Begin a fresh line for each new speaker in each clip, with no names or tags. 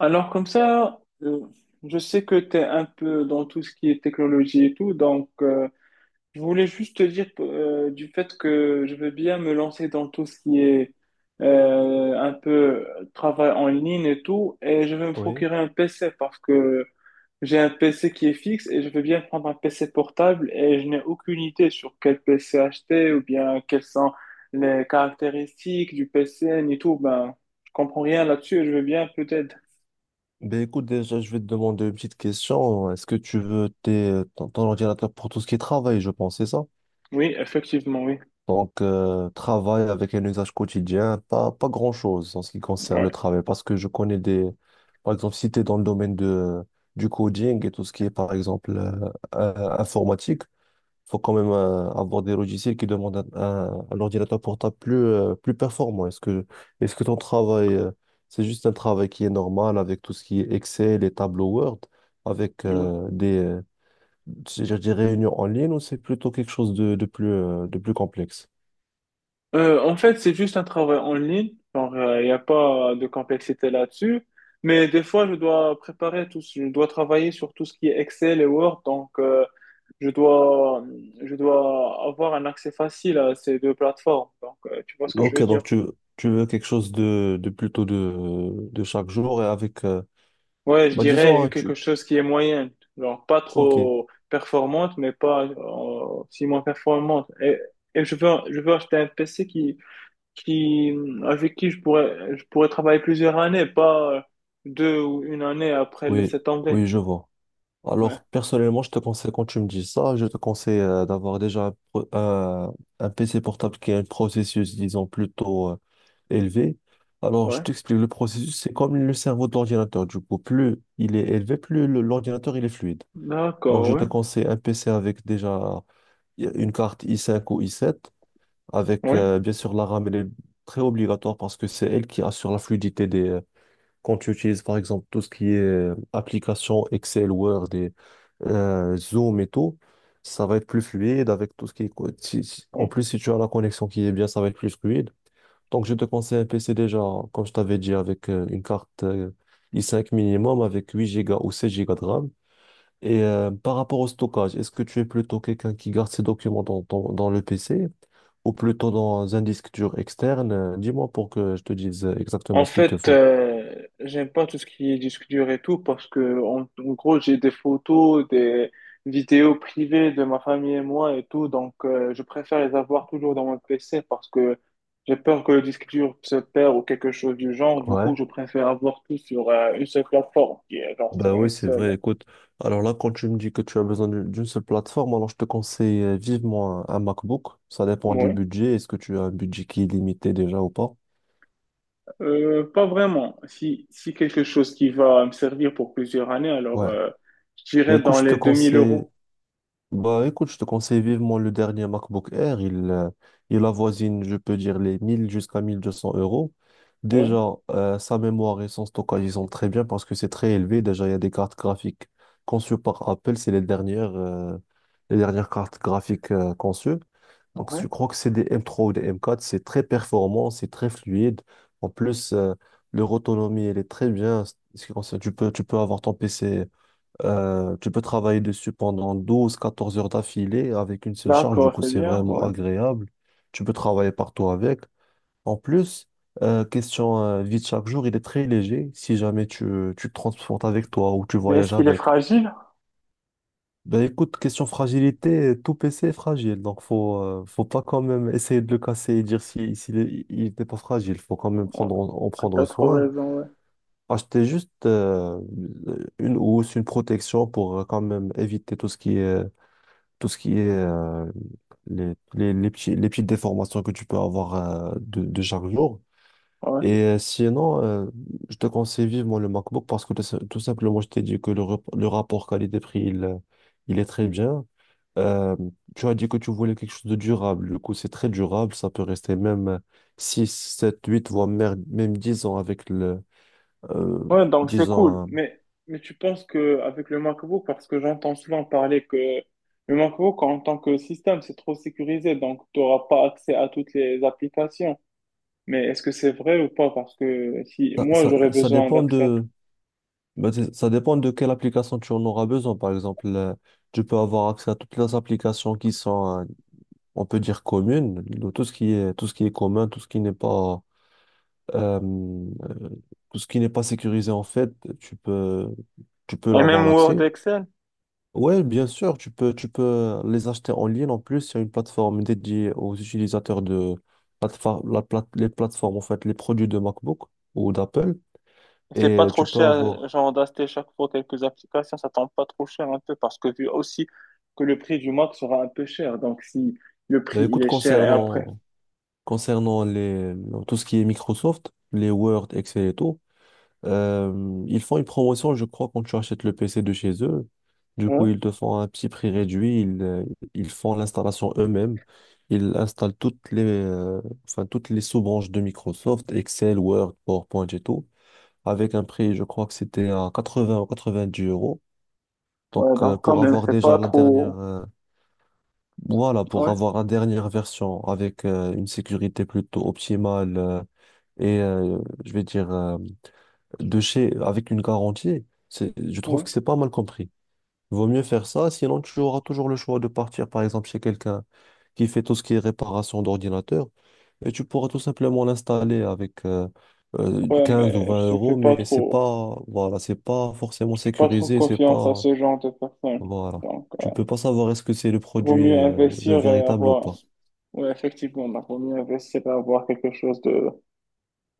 Alors comme ça, je sais que tu es un peu dans tout ce qui est technologie et tout, donc je voulais juste te dire du fait que je veux bien me lancer dans tout ce qui est un peu travail en ligne et tout, et je vais me
Oui.
procurer un PC parce que j'ai un PC qui est fixe et je veux bien prendre un PC portable et je n'ai aucune idée sur quel PC acheter ou bien quelles sont les caractéristiques du PC ni tout, ben je comprends rien là-dessus et je veux bien peut-être.
Ben écoute, déjà, je vais te demander une petite question. Est-ce que tu veux ton ordinateur pour tout ce qui est travail, je pense, c'est ça?
Oui, effectivement, oui.
Donc, travail avec un usage quotidien, pas grand-chose en ce qui concerne le
Ouais.
travail. Parce que je connais des. Par exemple, si tu es dans le domaine du coding et tout ce qui est, par exemple, informatique, faut quand même avoir des logiciels qui demandent un ordinateur portable plus performant. Est-ce que ton travail, c'est juste un travail qui est normal avec tout ce qui est Excel et tableau Word, avec
Ouais.
des, je réunions en ligne, ou c'est plutôt quelque chose de plus complexe?
En fait, c'est juste un travail en ligne. Genre, il n'y a pas de complexité là-dessus. Mais des fois, je dois préparer tout, je dois travailler sur tout ce qui est Excel et Word. Donc, je dois, je dois avoir un accès facile à ces deux plateformes. Donc, tu vois ce que je
Ok,
veux dire?
donc tu veux quelque chose de plutôt de chaque jour et avec,
Ouais, je
bah disons,
dirais
hein,
quelque chose qui est moyenne. Genre, pas
ok,
trop performante, mais pas si moins performante. Et je veux acheter un PC qui, avec qui je pourrais travailler plusieurs années, pas deux ou une année après
oui,
laisser tomber.
oui, je vois.
Ouais,
Alors, personnellement, je te conseille, quand tu me dis ça, je te conseille d'avoir déjà un PC portable qui a un processus, disons, plutôt élevé. Alors, je
ouais.
t'explique, le processus, c'est comme le cerveau de l'ordinateur. Du coup, plus il est élevé, plus l'ordinateur, il est fluide. Donc,
D'accord,
je te
ouais,
conseille un PC avec déjà une carte i5 ou i7, avec
oui
bien sûr la RAM, elle est très obligatoire parce que c'est elle qui assure la fluidité quand tu utilises par exemple tout ce qui est application Excel, Word et Zoom et tout, ça va être plus fluide avec tout ce qui est. En
ouais.
plus, si tu as la connexion qui est bien, ça va être plus fluide. Donc, je te conseille un PC déjà, comme je t'avais dit, avec une carte i5 minimum, avec 8 Go ou 16 Go de RAM. Et par rapport au stockage, est-ce que tu es plutôt quelqu'un qui garde ses documents dans le PC ou plutôt dans un disque dur externe? Dis-moi pour que je te dise exactement
En
ce qu'il te
fait,
faut.
j'aime pas tout ce qui est disque dur et tout parce que, en gros, j'ai des photos, des vidéos privées de ma famille et moi et tout, donc je préfère les avoir toujours dans mon PC parce que j'ai peur que le disque dur se perd ou quelque chose du genre. Du
Ouais.
coup, je préfère avoir tout sur une seule plateforme, qui est genre sur
Ben oui,
une
c'est
seule.
vrai. Écoute, alors là, quand tu me dis que tu as besoin d'une seule plateforme, alors je te conseille vivement un MacBook. Ça dépend du
Ouais.
budget. Est-ce que tu as un budget qui est limité déjà ou pas?
Pas vraiment. Si quelque chose qui va me servir pour plusieurs années, alors
Ouais.
je
Ben
dirais
écoute,
dans
je te
les 2000
conseille
euros.
Bah écoute, je te conseille vivement le dernier MacBook Air. Il avoisine, je peux dire, les 1000 jusqu'à 1200 euros.
Ouais,
Déjà, sa mémoire et son stockage, ils sont très bien parce que c'est très élevé. Déjà, il y a des cartes graphiques conçues par Apple. C'est les dernières cartes graphiques conçues. Donc,
ouais.
je crois que c'est des M3 ou des M4. C'est très performant, c'est très fluide. En plus, leur autonomie, elle est très bien. Ce qui concerne- tu peux avoir ton PC, tu peux travailler dessus pendant 12-14 heures d'affilée avec une seule charge, du
D'accord,
coup
c'est
c'est
bien,
vraiment
ouais.
agréable. Tu peux travailler partout avec. En plus, question vie de chaque jour, il est très léger si jamais tu te transportes avec toi ou tu
Mais est-ce
voyages
qu'il est
avec.
fragile?
Ben écoute, question fragilité, tout PC est fragile, donc faut pas quand même essayer de le casser et dire si, s'il est- il n'était pas fragile, faut quand même
Ouais,
prendre, en
t'as
prendre
trop
soin.
raison, ouais.
Acheter juste une housse, une protection pour quand même éviter tout ce qui est les petites déformations que tu peux avoir de chaque jour.
Ouais.
Et sinon, je te conseille vivement le MacBook parce que tout si- tout simplement, je t'ai dit que le rapport qualité-prix, il est très bien. Euh, tu as dit que tu voulais quelque chose de durable. Du coup, c'est très durable. Ça peut rester même 6 7 8 voire même 10 ans avec le... euh,
Ouais, donc c'est
Disons,
cool.
hein,
Mais tu penses que avec le MacBook, parce que j'entends souvent parler que le MacBook en tant que système, c'est trop sécurisé, donc tu n'auras pas accès à toutes les applications. Mais est-ce que c'est vrai ou pas? Parce que si
ça,
moi,
ça,
j'aurais
ça
besoin
dépend
d'accès à tout.
de. Ben, ça dépend de quelle application tu en auras besoin. Par exemple, tu peux avoir accès à toutes les applications qui sont, on peut dire, communes, de tout ce qui est commun, euh, euh, tout ce qui n'est pas sécurisé, en fait, tu peux, tu peux
Et
avoir
même
l'accès.
Word et Excel?
Ouais, bien sûr, tu peux les acheter en ligne. En plus, il y a une plateforme dédiée aux utilisateurs de plateforme, les plateformes, en fait, les produits de MacBook ou d'Apple.
C'est
Et
pas trop
tu peux
cher,
avoir.
genre d'acheter chaque fois quelques applications, ça tombe pas trop cher un peu parce que vu aussi que le prix du Mac sera un peu cher. Donc si le prix
Ben,
il
écoute,
est cher et après,
concernant tout ce qui est Microsoft, les Word, Excel et tout, ils font une promotion, je crois, quand tu achètes le PC de chez eux. Du coup,
ouais,
ils te font un petit prix réduit, ils font l'installation eux-mêmes. Ils installent enfin, toutes les sous-branches de Microsoft, Excel, Word, PowerPoint et tout, avec un prix, je crois que c'était à 80 ou dix euros. Donc,
ouais, donc quand
pour
même
avoir
c'est
déjà
pas
la dernière,
trop,
voilà, pour
ouais,
avoir la dernière version avec une sécurité plutôt optimale, et euh, je vais dire de chez avec une garantie, je trouve
ouais,
que c'est pas mal compris. Vaut mieux faire ça, sinon tu auras toujours le choix de partir par exemple chez quelqu'un qui fait tout ce qui est réparation d'ordinateur et tu pourras tout simplement l'installer avec
ouais,
15 ou
mais
20 euros, mais c'est pas voilà, c'est pas forcément
je fais pas trop
sécurisé, c'est
confiance à
pas
ce genre de personnes.
voilà.
Donc
Tu peux pas savoir est-ce que c'est le
vaut
produit,
mieux
le
investir et
véritable ou
avoir,
pas.
ouais, effectivement, donc, vaut mieux investir et avoir quelque chose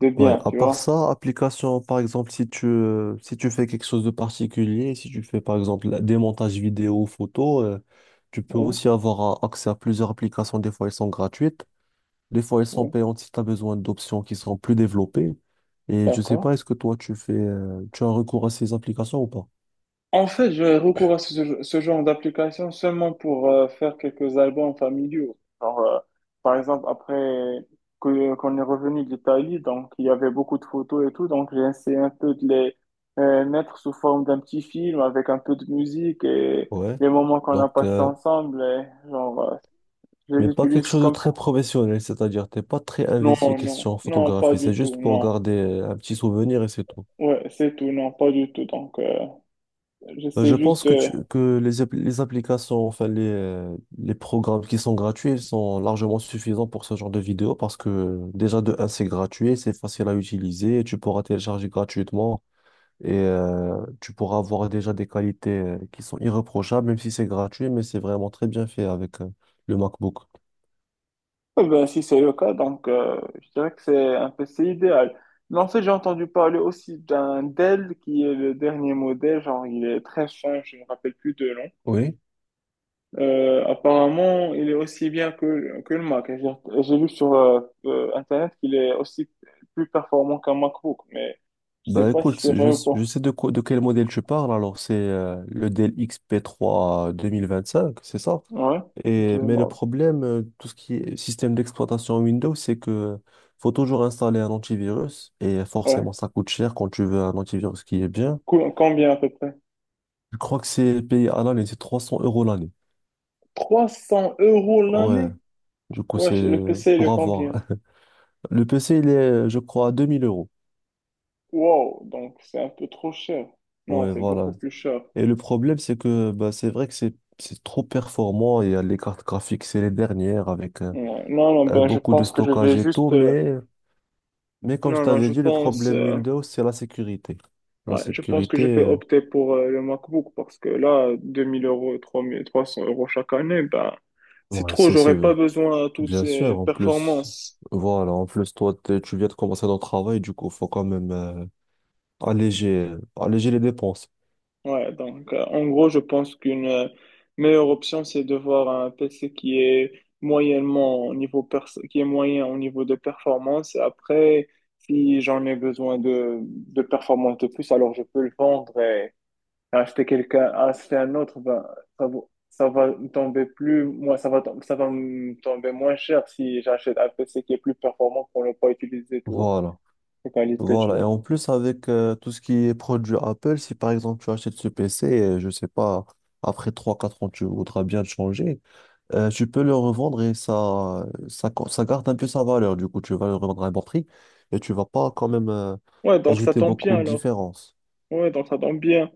de
Ouais,
bien,
à
tu
part
vois.
ça, application, par exemple, si tu, si tu fais quelque chose de particulier, si tu fais par exemple des montages vidéo, photo, tu peux
Ouais,
aussi avoir accès à plusieurs applications. Des fois, elles sont gratuites, des fois, elles sont
ouais,
payantes si tu as besoin d'options qui sont plus développées. Et je sais
d'accord.
pas, est-ce que toi, tu as recours à ces applications ou pas?
En fait, j'ai recours à ce genre d'application seulement pour faire quelques albums familiaux. Genre, par exemple, après qu'on est revenu d'Italie, donc il y avait beaucoup de photos et tout, donc j'ai essayé un peu de les mettre sous forme d'un petit film avec un peu de musique et
Ouais.
les moments qu'on a
Donc,
passés
euh,
ensemble, et, genre, je
Mais
les
pas quelque
utilise
chose de
comme
très
ça.
professionnel, c'est-à-dire t'es pas très
Non,
investi
non,
question
non, pas
photographie, c'est
du tout,
juste pour
non.
garder un petit souvenir et c'est tout.
Ouais, c'est tout, non, pas du tout. Donc,
Euh,
j'essaie
Je
juste
pense que,
de...
que les, les applications, enfin les programmes qui sont gratuits, ils sont largement suffisants pour ce genre de vidéo parce que déjà de un, c'est gratuit, c'est facile à utiliser, tu pourras télécharger gratuitement et tu pourras avoir déjà des qualités qui sont irréprochables, même si c'est gratuit, mais c'est vraiment très bien fait avec le MacBook.
Eh ben, si c'est le cas, donc je dirais que c'est un PC idéal. Mais en fait, j'ai entendu parler aussi d'un Dell qui est le dernier modèle, genre il est très fin, je ne me rappelle plus de nom.
Oui.
Apparemment, il est aussi bien que le Mac. J'ai lu sur Internet qu'il est aussi plus performant qu'un MacBook, mais je sais
Bah
pas si
écoute,
c'est
je,
vrai ou pas.
je sais de quel modèle tu parles. Alors c'est le Dell XP3 2025, c'est ça?
Ouais, je-
Mais le problème, tout ce qui est système d'exploitation Windows, c'est que faut toujours installer un antivirus et forcément
Ouais.
ça coûte cher quand tu veux un antivirus qui est bien.
Cool. Combien à peu près?
Je crois que c'est payé à l'année, c'est 300 € l'année.
300 euros
Ouais,
l'année?
du coup
Ouais,
c'est
le PC, il
pour
est
avoir.
combien?
Le PC, il est, je crois, à 2000 euros.
Wow, donc c'est un peu trop cher. Non,
Ouais,
c'est beaucoup
voilà.
plus cher.
Et le problème, c'est que bah, c'est vrai que c'est trop performant. Il y a les cartes graphiques, c'est les dernières avec
Ouais. Non, non, ben je
beaucoup de
pense que je vais
stockage et
juste...
tout. Mais comme je
Non, non,
t'avais
je
dit, le
pense...
problème Windows, c'est la sécurité. La
ouais, je pense que
sécurité,
je vais opter pour le MacBook parce que là, 2 000 euros, 3 300 euros chaque année, ben c'est
ouais,
trop,
c'est, c'est
j'aurais pas
euh,
besoin de toutes
bien
ces
sûr. En plus,
performances.
voilà, en plus, toi, tu viens de commencer ton travail, du coup, faut quand même alléger les dépenses.
Ouais, donc en gros, je pense qu'une meilleure option, c'est de voir un PC qui est moyennement au niveau qui est moyen au niveau de performance. Après, si j'en ai besoin de performance de plus, alors je peux le vendre et acheter un autre, ben, ça va me tomber plus, moi, ça va me tomber moins cher si j'achète un PC qui est plus performant pour ne pas utiliser tout
Voilà.
les qualités, tu
Voilà, et
vois.
en plus avec tout ce qui est produit Apple, si par exemple tu achètes ce PC, je sais pas, après trois quatre ans tu voudras bien le changer, tu peux le revendre et ça garde un peu sa valeur, du coup tu vas le revendre à un bon prix et tu vas pas quand même
Ouais, donc ça
ajouter
tombe bien
beaucoup de
alors.
différence.
Ouais, donc ça tombe bien.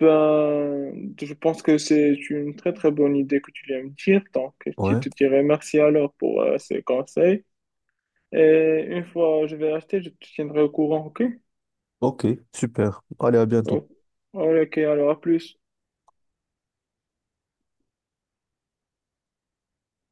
Ben, je pense que c'est une très très bonne idée que tu viens me dire. Donc, je
Ouais,
te dirais merci alors pour ces conseils. Et une fois je vais acheter, je te tiendrai au courant, ok?
ok, super, allez à bientôt.
Oh. Ok, alors à plus.